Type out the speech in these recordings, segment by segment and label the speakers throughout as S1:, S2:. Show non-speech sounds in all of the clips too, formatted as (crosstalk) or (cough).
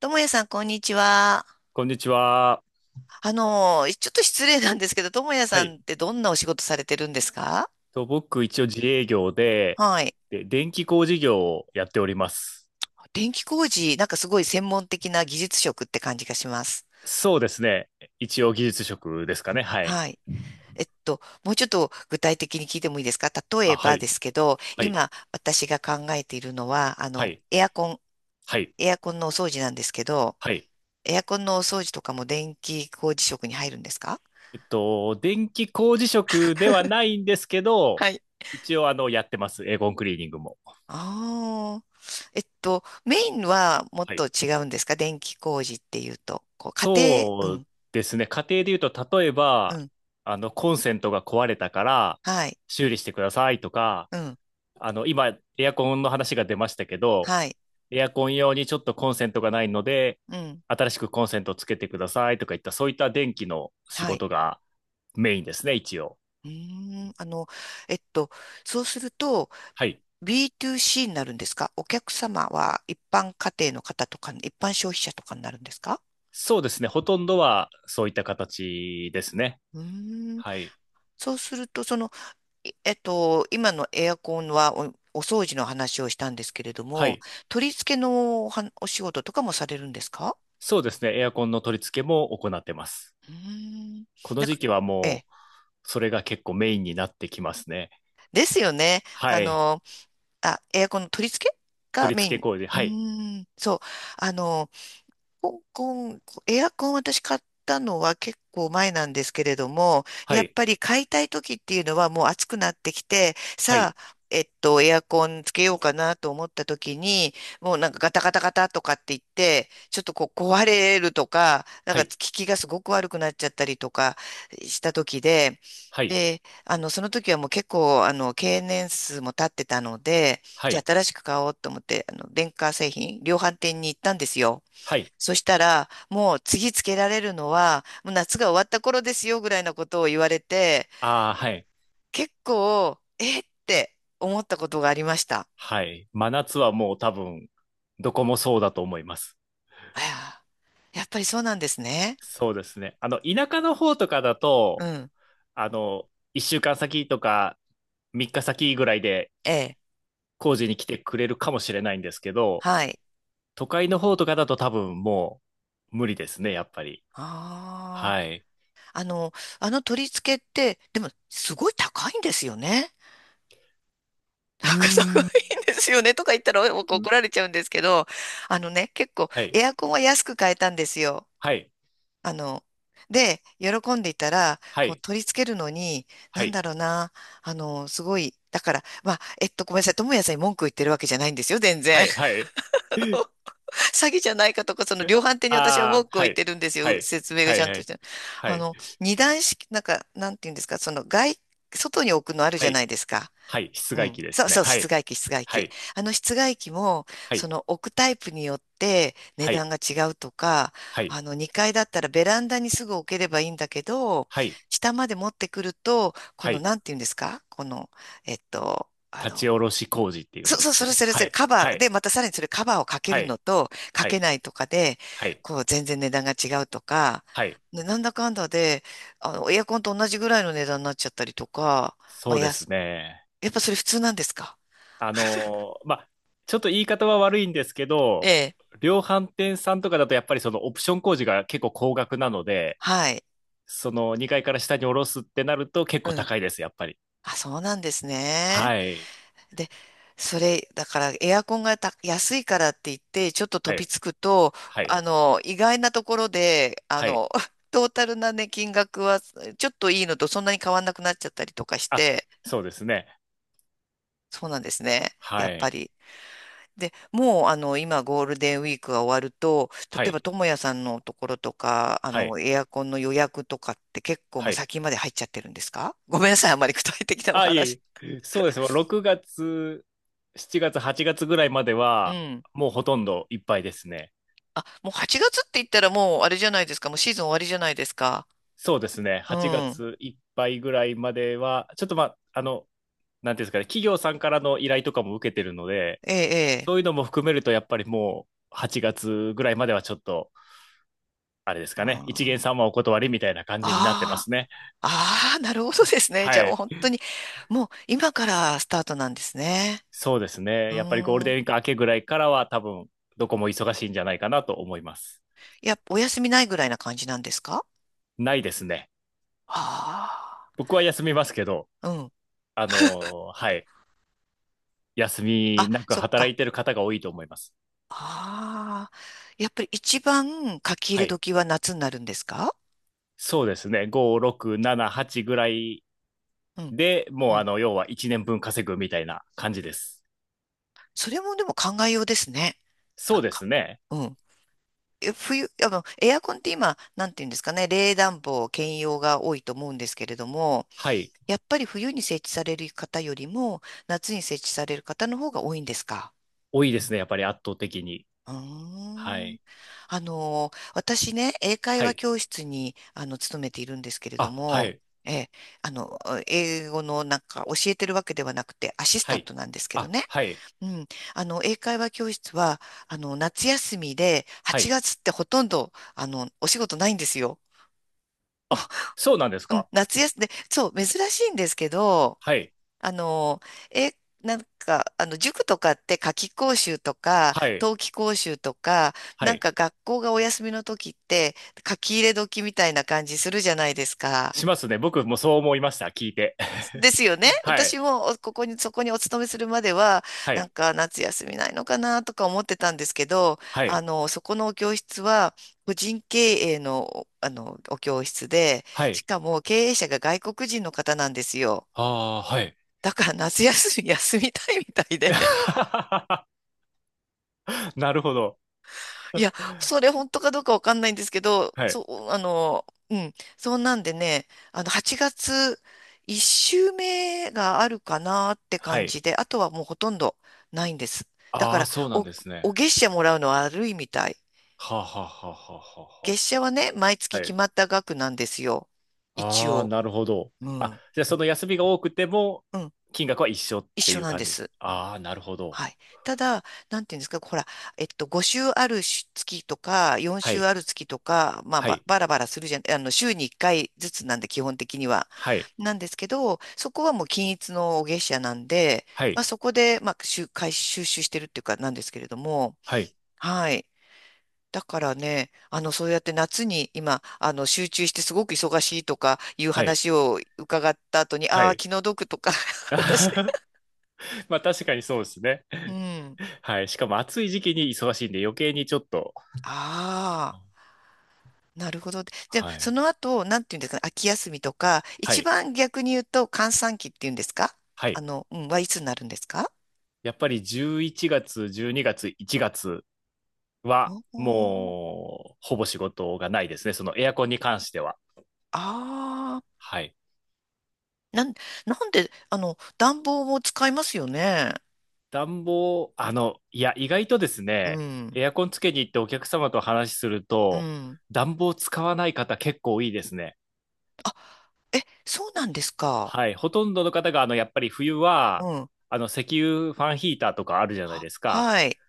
S1: ともやさん、こんにちは。
S2: こんにちは。
S1: ちょっと失礼なんですけど、ともや
S2: は
S1: さん
S2: い。
S1: ってどんなお仕事されてるんですか？
S2: 僕、一応自営業で、
S1: はい。
S2: 電気工事業をやっております。
S1: 電気工事、なんかすごい専門的な技術職って感じがします。
S2: そうですね。一応技術職ですかね。はい。
S1: はい。もうちょっと具体的に聞いてもいいですか？例
S2: あ、
S1: え
S2: は
S1: ばで
S2: い。
S1: すけど、
S2: はい。
S1: 今私が考えているのは、
S2: はい。
S1: エアコン、
S2: はい。
S1: エアコンのお掃除なんですけど、
S2: はい。
S1: エアコンのお掃除とかも電気工事職に入るんですか？
S2: 電気工事職ではないんですけど、
S1: はい、
S2: 一応、やってます。エーゴンクリーニングも。
S1: ああ。メインはもっ
S2: は
S1: と
S2: い。
S1: 違うんですか？電気工事っていうと。こう、家庭、
S2: そ
S1: う
S2: う
S1: ん、
S2: ですね。家庭で言うと、例え
S1: う
S2: ば、
S1: ん、
S2: コンセントが壊れたから、
S1: はい、
S2: 修理してくださいとか、
S1: うん、
S2: 今、エアコンの話が出ましたけど、
S1: はい、
S2: エアコン用にちょっとコンセントがないので、
S1: うん、
S2: 新しくコンセントをつけてくださいとかいった、そういった電気の仕
S1: はい。
S2: 事がメインですね、一応。
S1: うーん、えっと、そうすると
S2: はい。
S1: b to c になるんですか？お客様は一般家庭の方とか、一般消費者とかになるんですか？
S2: そうですね、ほとんどはそういった形ですね。
S1: うーん、
S2: はい。
S1: そうすると、その、いえっと、今のエアコンはお掃除の話をしたんですけれど
S2: は
S1: も、
S2: い。
S1: 取り付けのお仕事とかもされるんですか？
S2: そうですね、エアコンの取り付けも行ってます。
S1: うーん。
S2: この
S1: なん
S2: 時
S1: か、
S2: 期は
S1: え
S2: も
S1: え。
S2: う、それが結構メインになってきますね。
S1: ですよね。
S2: はい。
S1: あ、エアコンの取り付けが
S2: 取り
S1: メイ
S2: 付け
S1: ン。
S2: 工事。
S1: う
S2: はい。
S1: ーん。そう。あの、コンコン、エアコン私買ったのは結構前なんですけれども、
S2: は
S1: やっ
S2: い。
S1: ぱり買いたい時っていうのはもう暑くなってきて、
S2: は
S1: さ
S2: い。
S1: あ、エアコンつけようかなと思った時に、もうなんかガタガタガタとかって言って、ちょっとこう壊れるとか、なん
S2: は
S1: か効
S2: い。
S1: きがすごく悪くなっちゃったりとかした時で、
S2: はい。
S1: で、その時はもう結構、経年数も経ってたので、
S2: は
S1: じゃあ
S2: い。
S1: 新しく買おうと思って、電化製品、量販店に行ったんですよ。
S2: はい。
S1: そしたら、もう次つけられるのは、もう夏が終わった頃ですよぐらいのことを言われて、
S2: ああ、はい。
S1: 結構、えって思ったことがありました。
S2: はい。真夏はもう多分、どこもそうだと思います。
S1: あやっぱりそうなんですね。
S2: そうですね。田舎の方とかだ
S1: う
S2: と、
S1: ん。
S2: 1週間先とか3日先ぐらいで
S1: ええ。
S2: 工事に来てくれるかもしれないんですけど、
S1: はい。
S2: 都会の方とかだと多分もう無理ですね、やっぱり。
S1: あ
S2: は
S1: あ。
S2: い。
S1: あの、あの取り付けって、でも、すごい高いんですよね。
S2: うー
S1: なんかすごいん
S2: ん。
S1: ですよね。とか言ったら怒られちゃうんですけど、あのね、結構
S2: はい。
S1: エアコンは安く買えたんですよ。
S2: はい。
S1: あの、で、喜んでいたら、
S2: は
S1: こう
S2: い。
S1: 取り付けるのに、な
S2: は
S1: んだ
S2: い。
S1: ろうな、すごい、だから、まあ、ごめんなさい、友也さんに文句を言ってるわけじゃないんですよ、全
S2: は
S1: 然。
S2: い。はい。
S1: (laughs) あの、
S2: (laughs)
S1: 詐欺じゃないかとか、その量販店に私は文
S2: ああ、
S1: 句を
S2: は
S1: 言って
S2: い。
S1: るんです
S2: は
S1: よ、
S2: い。
S1: 説明が
S2: は
S1: ち
S2: い。
S1: ゃん
S2: は
S1: とし
S2: い。
S1: て。
S2: は
S1: あ
S2: い。
S1: の、二段式、なんか、なんていうんですか、外に置くのあるじ
S2: は
S1: ゃない
S2: い。
S1: ですか。
S2: はい、室
S1: う
S2: 外
S1: ん、
S2: 機で
S1: そう
S2: すね。
S1: そう、
S2: は
S1: 室
S2: い。
S1: 外機、室外
S2: は
S1: 機。
S2: い。
S1: あの室外機も、
S2: は
S1: そ
S2: い、
S1: の置くタイプによって値
S2: は
S1: 段
S2: い、
S1: が違うとか、
S2: はい、
S1: あの2階だったらベランダにすぐ置ければいいんだけど、
S2: はい、
S1: 下まで持ってくると、こ
S2: は
S1: の、
S2: い。
S1: なんていうんですかこの、えっと、あ
S2: 立
S1: の、
S2: ち下ろし工事って言う
S1: そ
S2: ん
S1: う
S2: で
S1: そ
S2: す
S1: う、
S2: け
S1: それ
S2: ど。
S1: それ
S2: は
S1: それ、
S2: い、
S1: カバ
S2: は
S1: ー
S2: い、
S1: で、またさらにそれカバーをかけ
S2: は
S1: るの
S2: い、
S1: と、か
S2: は
S1: け
S2: い、
S1: ないとかで、
S2: はい、
S1: こう、全然値段が違うとか、
S2: はい。
S1: ねなんだかんだで、エアコンと同じぐらいの値段になっちゃったりとか、ま
S2: そ
S1: あ、
S2: うで
S1: や
S2: す
S1: す、
S2: ね。
S1: やっぱそれ普通なんですか？
S2: まあ、ちょっと言い方は悪いんですけ
S1: え
S2: ど、
S1: え、
S2: 量販店さんとかだとやっぱりそのオプション工事が結構高額なので、
S1: はい。
S2: その2階から下に下ろすってなると結構
S1: うん。
S2: 高いです、やっぱり。
S1: あ、そうなんですね。
S2: はい、
S1: で、それ、だからエアコンが安いからって言って、ちょっと
S2: は
S1: 飛び
S2: い、
S1: つくと、
S2: はい、
S1: 意外なところで、あ
S2: はい。
S1: の、(laughs) トータルなね、金額は、ちょっといいのとそんなに変わんなくなっちゃったりとかし
S2: あ、
S1: て、
S2: そうですね。
S1: そうなんですね。
S2: は
S1: やっぱ
S2: い、
S1: り。で、もう、今、ゴールデンウィークが終わると、
S2: は
S1: 例え
S2: い、
S1: ば、ともやさんのところとか、
S2: はい、
S1: エアコンの予約とかって結構も
S2: は
S1: う
S2: い。
S1: 先まで入っちゃってるんですか？ (laughs) ごめんなさい、あまり具体的なお
S2: あ、いえ
S1: 話
S2: いえ。そうです。6月、7月、8月ぐらいまで
S1: う
S2: は、
S1: ん。
S2: もうほとんどいっぱいですね。
S1: あ、もう8月って言ったらもうあれじゃないですか。もうシーズン終わりじゃないですか。
S2: そうですね。
S1: う
S2: 8
S1: ん。
S2: 月いっぱいぐらいまでは、ちょっとまあ、なんていうんですかね、企業さんからの依頼とかも受けてるので、
S1: ええ、ええ。
S2: そういうのも含めると、やっぱりもう8月ぐらいまではちょっと、あれです
S1: あ
S2: かね、一
S1: ー
S2: 元さんはお断りみたいな感じになってま
S1: あ
S2: す
S1: ー、
S2: ね。
S1: あーなるほどですね。じゃあ
S2: は
S1: もう本
S2: い。
S1: 当に、もう今からスタートなんですね。
S2: そうです
S1: う
S2: ね。やっぱりゴール
S1: ー
S2: デ
S1: ん。
S2: ンウィーク明けぐらいからは、多分、どこも忙しいんじゃないかなと思います。
S1: いや、お休みないぐらいな感じなんですか？
S2: ないですね。
S1: あ
S2: 僕は休みますけど、
S1: あー、うん。
S2: はい。休み
S1: あ、
S2: なく
S1: そっ
S2: 働
S1: か。
S2: いてる方が多いと思います。
S1: ああ、やっぱり一番書き入
S2: は
S1: れ
S2: い。
S1: 時は夏になるんですか？
S2: そうですね。5、6、7、8ぐらい
S1: うん、
S2: で、
S1: う
S2: もう
S1: ん。
S2: 要は1年分稼ぐみたいな感じです。
S1: それもでも考えようですね。な
S2: そ
S1: ん
S2: うで
S1: か。
S2: すね。
S1: うん。冬、エアコンって今、なんていうんですかね、冷暖房兼用が多いと思うんですけれども、
S2: はい。
S1: やっぱり冬に設置される方よりも、夏に設置される方の方が多いんですか？
S2: 多いですね。やっぱり圧倒的に。
S1: うー
S2: は
S1: ん。
S2: い。
S1: あの、私ね、英会
S2: は
S1: 話
S2: い。
S1: 教室に、勤めているんですけれど
S2: あ、は
S1: も、
S2: い。
S1: ええ、あの、英語のなんか教えてるわけではなくて、アシス
S2: は
S1: タン
S2: い。
S1: トなんですけど
S2: あ、
S1: ね。
S2: はい。
S1: うん。英会話教室は、夏休みで、
S2: は
S1: 8
S2: い。
S1: 月ってほとんど、お仕事ないんですよ。
S2: あ、そうなんです
S1: うん、
S2: か？
S1: 夏休みで、そう、珍しいんですけど、
S2: はい。
S1: あの、え、なんか、塾とかって夏期講習とか、
S2: はい。
S1: 冬季講習とか、
S2: は
S1: なん
S2: い。
S1: か学校がお休みの時って、書き入れ時みたいな感じするじゃないですか。
S2: しますね。僕もそう思いました。聞いて。(laughs)
S1: ですよね。
S2: は
S1: 私
S2: い。
S1: もここに、そこにお勤めするまでは、
S2: は
S1: なん
S2: い。
S1: か夏休みないのかなとか思ってたんですけど、
S2: はい。
S1: そこのお教室は、個人経営の、お教室で、
S2: は
S1: し
S2: い。
S1: かも経営者が外国人の方なんですよ。
S2: ああ、はい。
S1: だから夏休み休みたいみたいで。
S2: (laughs) なるほど。
S1: いや、それ本当かどうかわかんないんですけど、
S2: はい。
S1: そうなんでね、8月1週目があるかなって
S2: は
S1: 感
S2: い。
S1: じで、あとはもうほとんどないんです。だか
S2: ああ、
S1: ら、
S2: そうなんです
S1: お
S2: ね。
S1: 月謝もらうのは悪いみたい。
S2: はあ、はあ、はあ、はあ、
S1: 月
S2: は
S1: 謝はね、毎
S2: あ。
S1: 月
S2: は
S1: 決
S2: い。
S1: まった額なんですよ。一
S2: ああ、
S1: 応。
S2: なるほど。
S1: う
S2: あ、
S1: ん。
S2: じゃあその休みが多くても、
S1: うん。
S2: 金額は一緒っ
S1: 一
S2: てい
S1: 緒
S2: う
S1: なんで
S2: 感じ。
S1: す。
S2: ああ、なるほど。
S1: はい。ただ、なんていうんですか、ほら、5週あるし月とか、4
S2: は
S1: 週
S2: い。
S1: ある月とか、
S2: はい。
S1: バラバラするじゃん、週に1回ずつなんで、基本的には。
S2: はい。
S1: なんですけど、そこはもう均一の月謝なんで、
S2: は
S1: まあ、
S2: い。
S1: そこで、回収集してるっていうか、なんですけれども、
S2: はい。
S1: はい。だからね、そうやって夏に今、集中してすごく忙しいとかいう
S2: はい。
S1: 話を伺った後に、
S2: は
S1: ああ、
S2: い。
S1: 気の毒とか、(laughs) 私、
S2: (laughs) まあ確かにそうですね。
S1: うん。
S2: はい。しかも暑い時期に忙しいんで余計にちょっと。
S1: ああ。なるほど。で、
S2: は
S1: そ
S2: い。
S1: の後、なんていうんですかね、秋休みとか、
S2: は
S1: 一
S2: い。
S1: 番逆に言うと、閑散期っていうんですか？
S2: はい。
S1: はいつになるんですか？
S2: やっぱり11月、12月、1月は、
S1: おー
S2: もう、ほぼ仕事がないですね。そのエアコンに関しては。
S1: ああ、
S2: はい。
S1: なん、なんで、暖房も使いますよね。
S2: 暖房、いや、意外とです
S1: う
S2: ね、
S1: ん、
S2: エアコンつけに行ってお客様と話しする
S1: う
S2: と、
S1: ん。
S2: 暖房使わない方結構いいですね。
S1: あ、え、そうなんですか。
S2: はい。ほとんどの方が、やっぱり冬
S1: う
S2: は、
S1: ん。
S2: 石油ファンヒーターとかあるじゃない
S1: は、
S2: ですか。
S1: はい。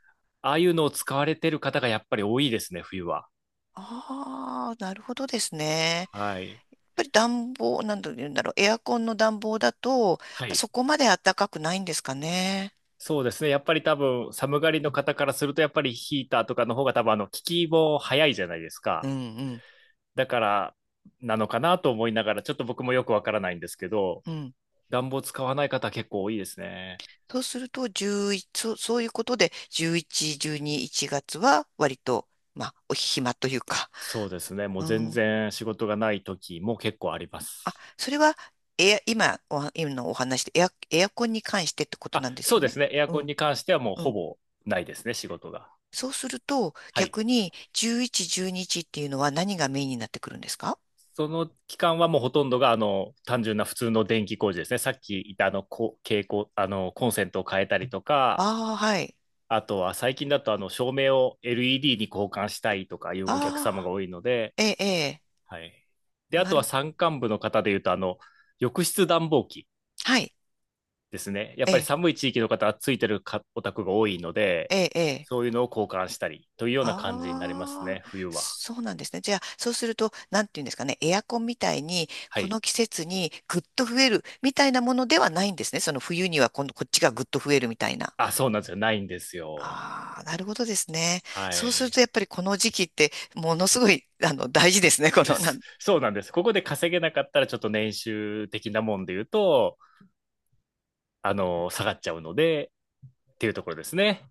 S2: ああいうのを使われてる方がやっぱり多いですね、冬は。
S1: ああ、なるほどですね。
S2: はい。
S1: やっぱり暖房、なんて言うんだろう、エアコンの暖房だと、やっ
S2: は
S1: ぱ
S2: い。
S1: そこまで暖かくないんですかね。
S2: そうですね。やっぱり多分、寒がりの方からすると、やっぱりヒーターとかの方が多分、効きも早いじゃないです
S1: う
S2: か。
S1: ん、うん。
S2: だから、なのかなと思いながら、ちょっと僕もよくわからないんですけど、
S1: うん
S2: 暖房使わない方結構多いですね。
S1: そうすると、11、そうそういうことで、11、12、1月は割と、まあ、お暇というか、
S2: そうですね。もう
S1: う
S2: 全
S1: ん。
S2: 然仕事がない時も結構ありま
S1: あ、
S2: す。
S1: それは、今、今のお話でエアコンに関してってこと
S2: あ、
S1: なんです
S2: そう
S1: よ
S2: で
S1: ね。
S2: すね。エア
S1: う
S2: コン
S1: ん、
S2: に関してはもう
S1: う
S2: ほ
S1: ん。
S2: ぼないですね、仕事が。
S1: そうすると、
S2: はい。
S1: 逆に、11、12日っていうのは何がメインになってくるんですか？
S2: その期間はもうほとんどが、単純な普通の電気工事ですね。さっき言ったこ蛍光、コンセントを変えたりとか、
S1: ああー、はい。
S2: あとは最近だとあの照明を LED に交換したいとかいうお客様
S1: ああ、
S2: が多いので、
S1: ええ、え
S2: はい。で、
S1: え、
S2: あとは山間部の方でいうと、浴室暖房機
S1: はい、
S2: ですね。やっ
S1: え
S2: ぱり
S1: え、
S2: 寒い地域の方はついてるかお宅が多いので、
S1: ええ、え
S2: そういうのを交換したりというような感じになります
S1: ああ、
S2: ね、冬は。
S1: そうなんですね。じゃあ、そうすると、なんていうんですかね、エアコンみたいに、
S2: は
S1: こ
S2: い。
S1: の季節にぐっと増えるみたいなものではないんですね。その冬には今こっちがぐっと増えるみたいな。
S2: あ、そうなんですよ。ないんですよ。
S1: ああ、なるほどですね。
S2: は
S1: そうすると、
S2: い。
S1: やっぱりこの時期って、ものすごい、大事ですね。この、な
S2: (laughs)
S1: んて
S2: そうなんです。ここで稼げなかったら、ちょっと年収的なもんで言うと、下がっちゃうので、っていうところですね。